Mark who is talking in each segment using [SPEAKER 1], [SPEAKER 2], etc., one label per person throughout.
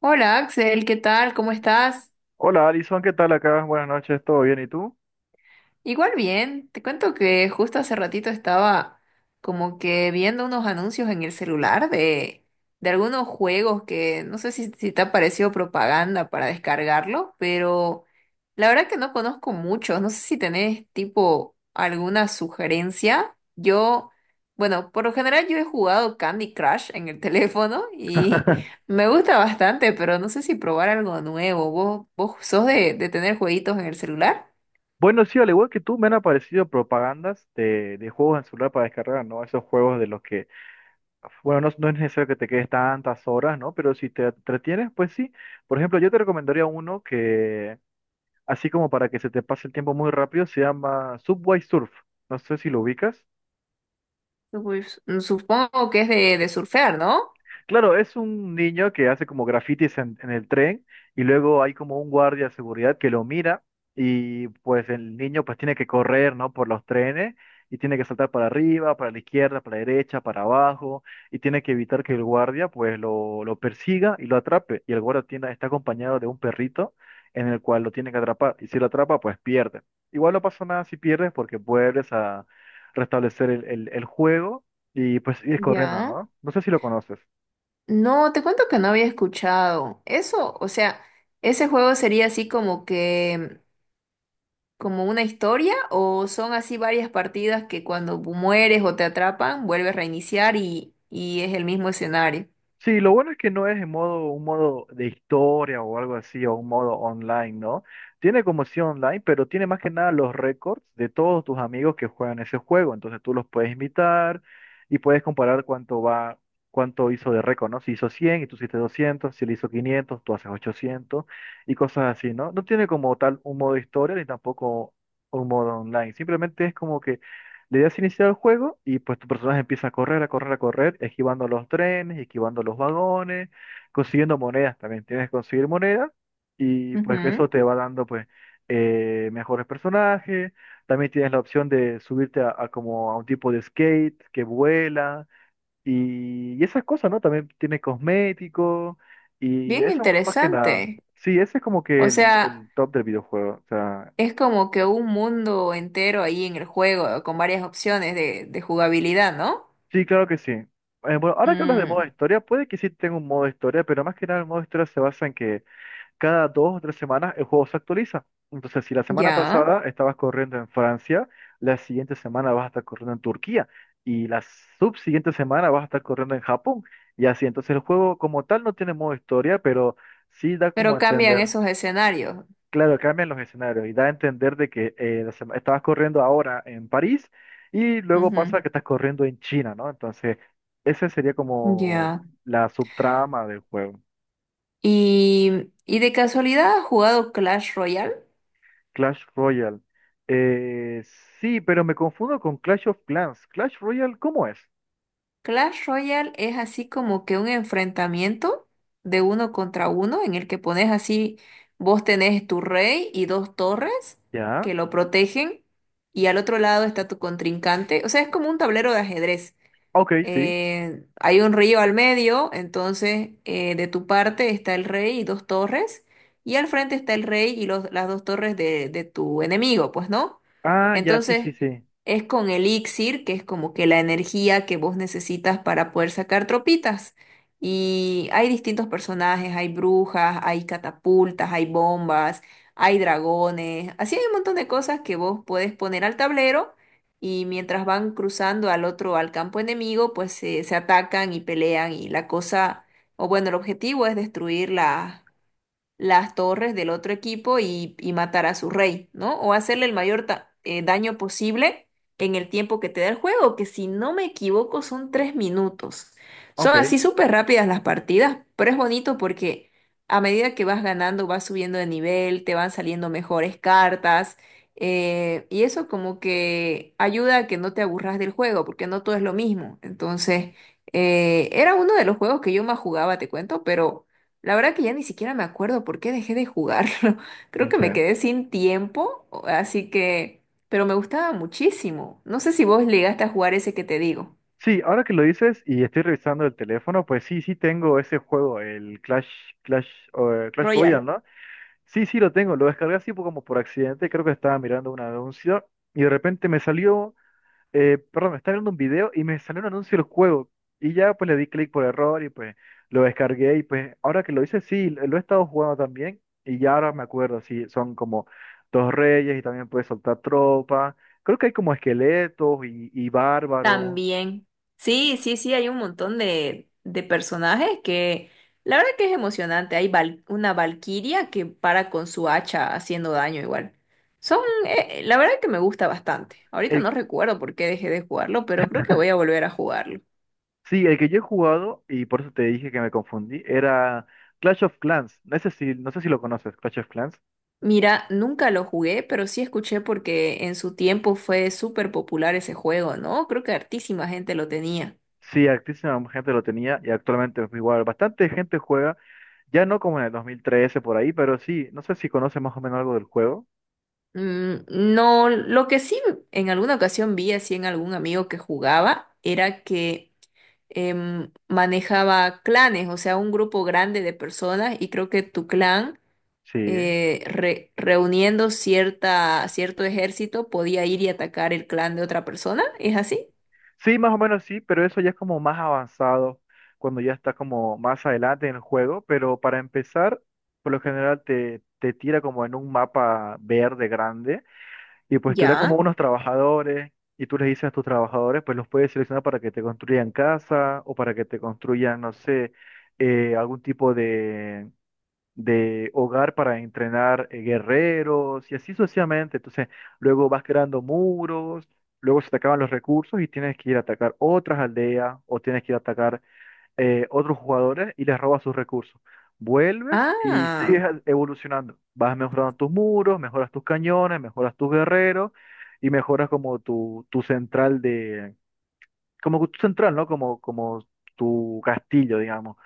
[SPEAKER 1] Hola Axel, ¿qué tal? ¿Cómo estás?
[SPEAKER 2] Hola Alison, ¿qué tal acá? Buenas noches, ¿todo bien? ¿Y tú?
[SPEAKER 1] Igual bien, te cuento que justo hace ratito estaba como que viendo unos anuncios en el celular de algunos juegos que no sé si te ha parecido propaganda para descargarlo, pero la verdad que no conozco muchos, no sé si tenés tipo alguna sugerencia. Yo, bueno, por lo general yo he jugado Candy Crush en el teléfono y me gusta bastante, pero no sé si probar algo nuevo. ¿Vos sos de tener jueguitos en el celular?
[SPEAKER 2] Bueno, sí, al igual que tú, me han aparecido propagandas de juegos en celular para descargar, ¿no? Esos juegos de los que, bueno, no es necesario que te quedes tantas horas, ¿no? Pero si te entretienes, pues sí. Por ejemplo, yo te recomendaría uno que, así como para que se te pase el tiempo muy rápido, se llama Subway Surf. No sé si lo ubicas.
[SPEAKER 1] Surf- supongo que es de surfear, ¿no?
[SPEAKER 2] Claro, es un niño que hace como grafitis en el tren y luego hay como un guardia de seguridad que lo mira y pues el niño pues tiene que correr, ¿no? Por los trenes y tiene que saltar para arriba, para la izquierda, para la derecha, para abajo y tiene que evitar que el guardia pues lo persiga y lo atrape. Y el guardia tiene, está acompañado de un perrito en el cual lo tiene que atrapar y si lo atrapa pues pierde. Igual no pasa nada si pierdes porque vuelves a restablecer el juego y pues ir corriendo,
[SPEAKER 1] Ya.
[SPEAKER 2] ¿no? No sé si lo conoces.
[SPEAKER 1] No, te cuento que no había escuchado. Eso, o sea, ese juego sería así como que, como una historia, o son así varias partidas que cuando mueres o te atrapan, vuelves a reiniciar y es el mismo escenario.
[SPEAKER 2] Sí, lo bueno es que no es en modo, un modo de historia o algo así, o un modo online, ¿no? Tiene como si online, pero tiene más que nada los récords de todos tus amigos que juegan ese juego. Entonces tú los puedes invitar y puedes comparar cuánto va, cuánto hizo de récord, ¿no? Si hizo 100 y tú hiciste 200, si él hizo 500, tú haces 800 y cosas así, ¿no? No tiene como tal un modo historia ni tampoco un modo online. Simplemente es como que le das iniciar el juego y pues tu personaje empieza a correr, a correr, a correr, esquivando los trenes, esquivando los vagones, consiguiendo monedas también. Tienes que conseguir monedas y pues eso
[SPEAKER 1] Ujú.
[SPEAKER 2] te va dando pues mejores personajes. También tienes la opción de subirte a como a un tipo de skate que vuela y esas cosas, ¿no? También tiene cosméticos y
[SPEAKER 1] Bien
[SPEAKER 2] eso más que nada.
[SPEAKER 1] interesante.
[SPEAKER 2] Sí, ese es como que
[SPEAKER 1] O sea,
[SPEAKER 2] el top del videojuego. O sea,
[SPEAKER 1] es como que un mundo entero ahí en el juego, con varias opciones de jugabilidad, ¿no?
[SPEAKER 2] sí, claro que sí. Bueno, ahora que hablas de modo
[SPEAKER 1] Mm,
[SPEAKER 2] historia, puede que sí tenga un modo historia, pero más que nada el modo historia se basa en que cada dos o tres semanas el juego se actualiza. Entonces, si la semana
[SPEAKER 1] ya.
[SPEAKER 2] pasada estabas corriendo en Francia, la siguiente semana vas a estar corriendo en Turquía y la subsiguiente semana vas a estar corriendo en Japón. Y así, entonces el juego como tal no tiene modo historia, pero sí da como
[SPEAKER 1] Pero
[SPEAKER 2] a
[SPEAKER 1] cambian
[SPEAKER 2] entender.
[SPEAKER 1] esos escenarios.
[SPEAKER 2] Claro, cambian los escenarios y da a entender de que la estabas corriendo ahora en París y luego pasa
[SPEAKER 1] Ujú.
[SPEAKER 2] que estás corriendo en China, ¿no? Entonces, esa sería como
[SPEAKER 1] Ya.
[SPEAKER 2] la subtrama del juego.
[SPEAKER 1] Y de casualidad has jugado Clash Royale.
[SPEAKER 2] Clash Royale. Eh, sí, pero me confundo con Clash of Clans. Clash Royale, ¿cómo es?
[SPEAKER 1] Clash Royale es así como que un enfrentamiento de uno contra uno en el que pones así, vos tenés tu rey y dos torres
[SPEAKER 2] ¿Ya?
[SPEAKER 1] que lo protegen y al otro lado está tu contrincante. O sea, es como un tablero de ajedrez,
[SPEAKER 2] Ok, sí.
[SPEAKER 1] hay un río al medio, entonces, de tu parte está el rey y dos torres, y al frente está el rey y los- las dos torres de tu enemigo, pues, ¿no?
[SPEAKER 2] Ah, ya, sí, sí,
[SPEAKER 1] Entonces
[SPEAKER 2] sí.
[SPEAKER 1] es con elixir, que es como que la energía que vos necesitas para poder sacar tropitas. Y hay distintos personajes, hay brujas, hay catapultas, hay bombas, hay dragones, así hay un montón de cosas que vos puedes poner al tablero y mientras van cruzando al otro, al campo enemigo, pues se atacan y pelean y la cosa, o bueno, el objetivo es destruir la- las torres del otro equipo y matar a su rey, ¿no? O hacerle el mayor ta- daño posible en el tiempo que te da el juego, que si no me equivoco son 3 minutos. Son
[SPEAKER 2] Ok.
[SPEAKER 1] así súper rápidas las partidas, pero es bonito porque a medida que vas ganando, vas subiendo de nivel, te van saliendo mejores cartas. Y eso como que ayuda a que no te aburras del juego, porque no todo es lo mismo. Entonces, era uno de los juegos que yo más jugaba, te cuento, pero la verdad que ya ni siquiera me acuerdo por qué dejé de jugarlo. Creo que me
[SPEAKER 2] Sí.
[SPEAKER 1] quedé sin tiempo, o- así que... Pero me gustaba muchísimo. No sé si vos llegaste a jugar ese que te digo.
[SPEAKER 2] Sí, ahora que lo dices y estoy revisando el teléfono, pues sí, sí tengo ese juego, el Clash, Clash, Clash
[SPEAKER 1] Royal.
[SPEAKER 2] Royale, ¿no? Sí, sí, lo tengo. Lo descargué así como por accidente. Creo que estaba mirando un anuncio y de repente me salió, perdón, me estaba viendo un video y me salió un anuncio del juego. Y ya pues le di clic por error y pues lo descargué y pues ahora que lo hice, sí, lo he estado jugando también y ya ahora me acuerdo, sí, son como dos reyes y también puedes soltar tropas. Creo que hay como esqueletos y bárbaros.
[SPEAKER 1] También. Sí, sí, sí, hay un montón de personajes que... La verdad que es emocionante. Hay val- una valquiria que para con su hacha haciendo daño igual. Son... la verdad que me gusta bastante. Ahorita no
[SPEAKER 2] El,
[SPEAKER 1] recuerdo por qué dejé de jugarlo, pero creo que voy a volver a jugarlo.
[SPEAKER 2] sí, el que yo he jugado y por eso te dije que me confundí, era Clash of Clans. No sé si, no sé si lo conoces, Clash of Clans.
[SPEAKER 1] Mira, nunca lo jugué, pero sí escuché porque en su tiempo fue súper popular ese juego, ¿no? Creo que hartísima gente lo tenía.
[SPEAKER 2] Sí, altísima gente lo tenía y actualmente es igual. Bastante gente juega, ya no como en el 2013 por ahí, pero sí, no sé si conoce más o menos algo del juego.
[SPEAKER 1] No, lo que sí en alguna ocasión vi así en algún amigo que jugaba era que manejaba clanes, o sea, un grupo grande de personas y creo que tu clan,
[SPEAKER 2] Sí,
[SPEAKER 1] re- reuniendo cierta, cierto ejército podía ir y atacar el clan de otra persona, ¿es así?
[SPEAKER 2] sí, más o menos sí, pero eso ya es como más avanzado cuando ya está como más adelante en el juego. Pero para empezar, por lo general te tira como en un mapa verde grande y pues te da como
[SPEAKER 1] Ya.
[SPEAKER 2] unos trabajadores y tú les dices a tus trabajadores, pues los puedes seleccionar para que te construyan casa o para que te construyan, no sé, algún tipo de hogar para entrenar guerreros y así sucesivamente. Entonces, luego vas creando muros, luego se te acaban los recursos y tienes que ir a atacar otras aldeas o tienes que ir a atacar otros jugadores y les robas sus recursos. Vuelves y
[SPEAKER 1] Ah.
[SPEAKER 2] sigues evolucionando. Vas mejorando tus muros, mejoras tus cañones, mejoras tus guerreros y mejoras como tu central de... Como tu central, ¿no? Como, como tu castillo, digamos.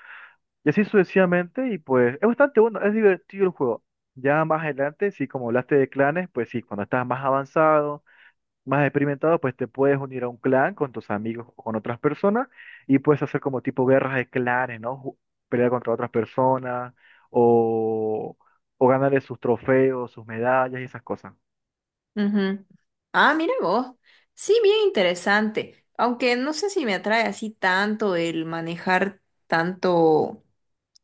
[SPEAKER 2] Y así sucesivamente, y pues es bastante bueno, es divertido el juego. Ya más adelante, sí, como hablaste de clanes, pues sí, cuando estás más avanzado, más experimentado, pues te puedes unir a un clan con tus amigos o con otras personas y puedes hacer como tipo guerras de clanes, ¿no? Pelear contra otras personas o, o ganarle sus trofeos, sus medallas y esas cosas.
[SPEAKER 1] Ujú. Ah, mira vos. Sí, bien interesante. Aunque no sé si me atrae así tanto el manejar tanto,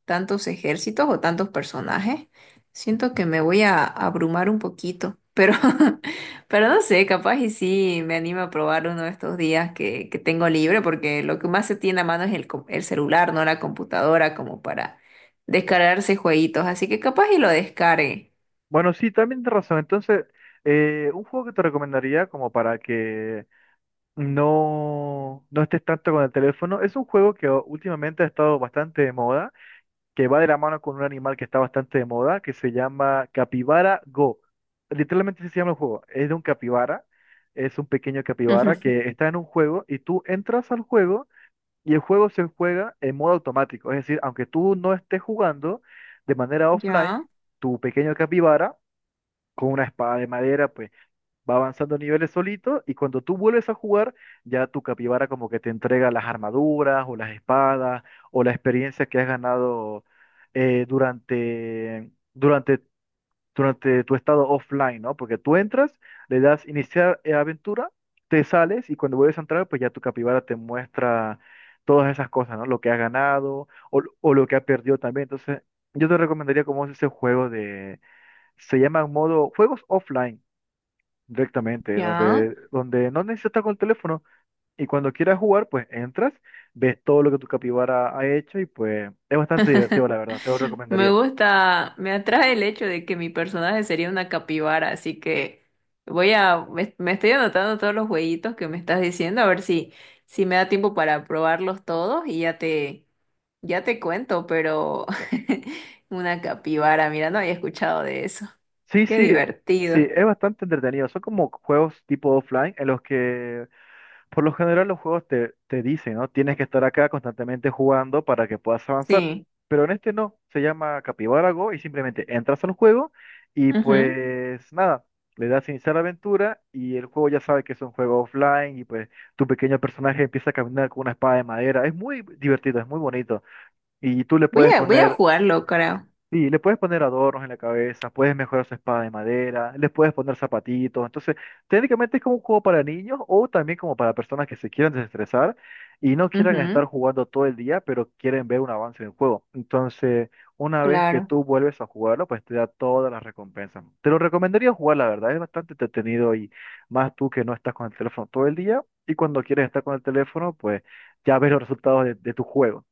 [SPEAKER 1] tantos ejércitos o tantos personajes. Siento que me voy a abrumar un poquito. Pero, pero no sé, capaz y sí me animo a probar uno de estos días que tengo libre, porque lo que más se tiene a mano es el, co- el celular, no la computadora, como para descargarse jueguitos. Así que capaz y lo descargue.
[SPEAKER 2] Bueno, sí, también tienes razón. Entonces, un juego que te recomendaría como para que no estés tanto con el teléfono. Es un juego que últimamente ha estado bastante de moda, que va de la mano con un animal que está bastante de moda, que se llama Capibara Go. Literalmente así se llama el juego. Es de un capibara, es un pequeño capibara que está en un juego y tú entras al juego y el juego se juega en modo automático. Es decir, aunque tú no estés jugando de manera
[SPEAKER 1] Ya,
[SPEAKER 2] offline, tu pequeño capibara con una espada de madera, pues va avanzando niveles solito y cuando tú vuelves a jugar, ya tu capibara como que te entrega las armaduras o las espadas o la experiencia que has ganado eh, durante, durante, durante tu estado offline, ¿no? Porque tú entras, le das iniciar aventura, te sales y cuando vuelves a entrar, pues ya tu capibara te muestra todas esas cosas, ¿no? Lo que has ganado o lo que has perdido también. Entonces, yo te recomendaría como es ese juego de... Se llama modo juegos offline directamente,
[SPEAKER 1] ya.
[SPEAKER 2] donde, donde no necesitas estar con el teléfono y cuando quieras jugar, pues entras, ves todo lo que tu capibara ha hecho y pues es bastante divertido, la verdad, te lo
[SPEAKER 1] Me
[SPEAKER 2] recomendaría.
[SPEAKER 1] gusta, me atrae el hecho de que mi personaje sería una capibara, así que voy a me estoy anotando todos los jueguitos que me estás diciendo, a ver si me da tiempo para probarlos todos y ya ya te cuento, pero una capibara, mira, no había escuchado de eso.
[SPEAKER 2] Sí,
[SPEAKER 1] Qué
[SPEAKER 2] sí, sí,
[SPEAKER 1] divertido.
[SPEAKER 2] es bastante entretenido. Son como juegos tipo offline en los que por lo general los juegos te dicen, ¿no? Tienes que estar acá constantemente jugando para que puedas avanzar.
[SPEAKER 1] Sí.
[SPEAKER 2] Pero en este no, se llama Capybara Go y simplemente entras al juego y
[SPEAKER 1] Ujú.
[SPEAKER 2] pues nada, le das iniciar aventura y el juego ya sabe que es un juego offline y pues tu pequeño personaje empieza a caminar con una espada de madera. Es muy divertido, es muy bonito. Y tú le
[SPEAKER 1] Voy
[SPEAKER 2] puedes
[SPEAKER 1] voy a
[SPEAKER 2] poner
[SPEAKER 1] jugarlo, creo.
[SPEAKER 2] sí, le puedes poner adornos en la cabeza, puedes mejorar su espada de madera, les puedes poner zapatitos. Entonces, técnicamente es como un juego para niños o también como para personas que se quieran desestresar y no quieran estar
[SPEAKER 1] Ujú.
[SPEAKER 2] jugando todo el día, pero quieren ver un avance en el juego. Entonces, una vez que
[SPEAKER 1] Claro.
[SPEAKER 2] tú vuelves a jugarlo, pues te da todas las recompensas. Te lo recomendaría jugar, la verdad, es bastante entretenido y más tú que no estás con el teléfono todo el día y cuando quieres estar con el teléfono, pues ya ves los resultados de tu juego.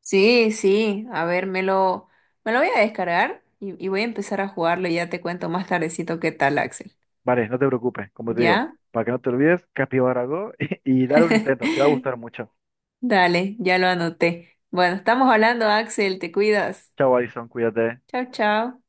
[SPEAKER 1] Sí, sí, a ver, me lo voy a descargar y voy a empezar a jugarlo y ya te cuento más tardecito qué tal, Axel.
[SPEAKER 2] Vale, no te preocupes, como te digo,
[SPEAKER 1] ¿Ya?
[SPEAKER 2] para que no te olvides, Capibara Go y dale un intento, te va a gustar mucho.
[SPEAKER 1] Dale, ya lo anoté. Bueno, estamos hablando, Axel, te cuidas.
[SPEAKER 2] Chao, Alison, cuídate.
[SPEAKER 1] Chao, chao.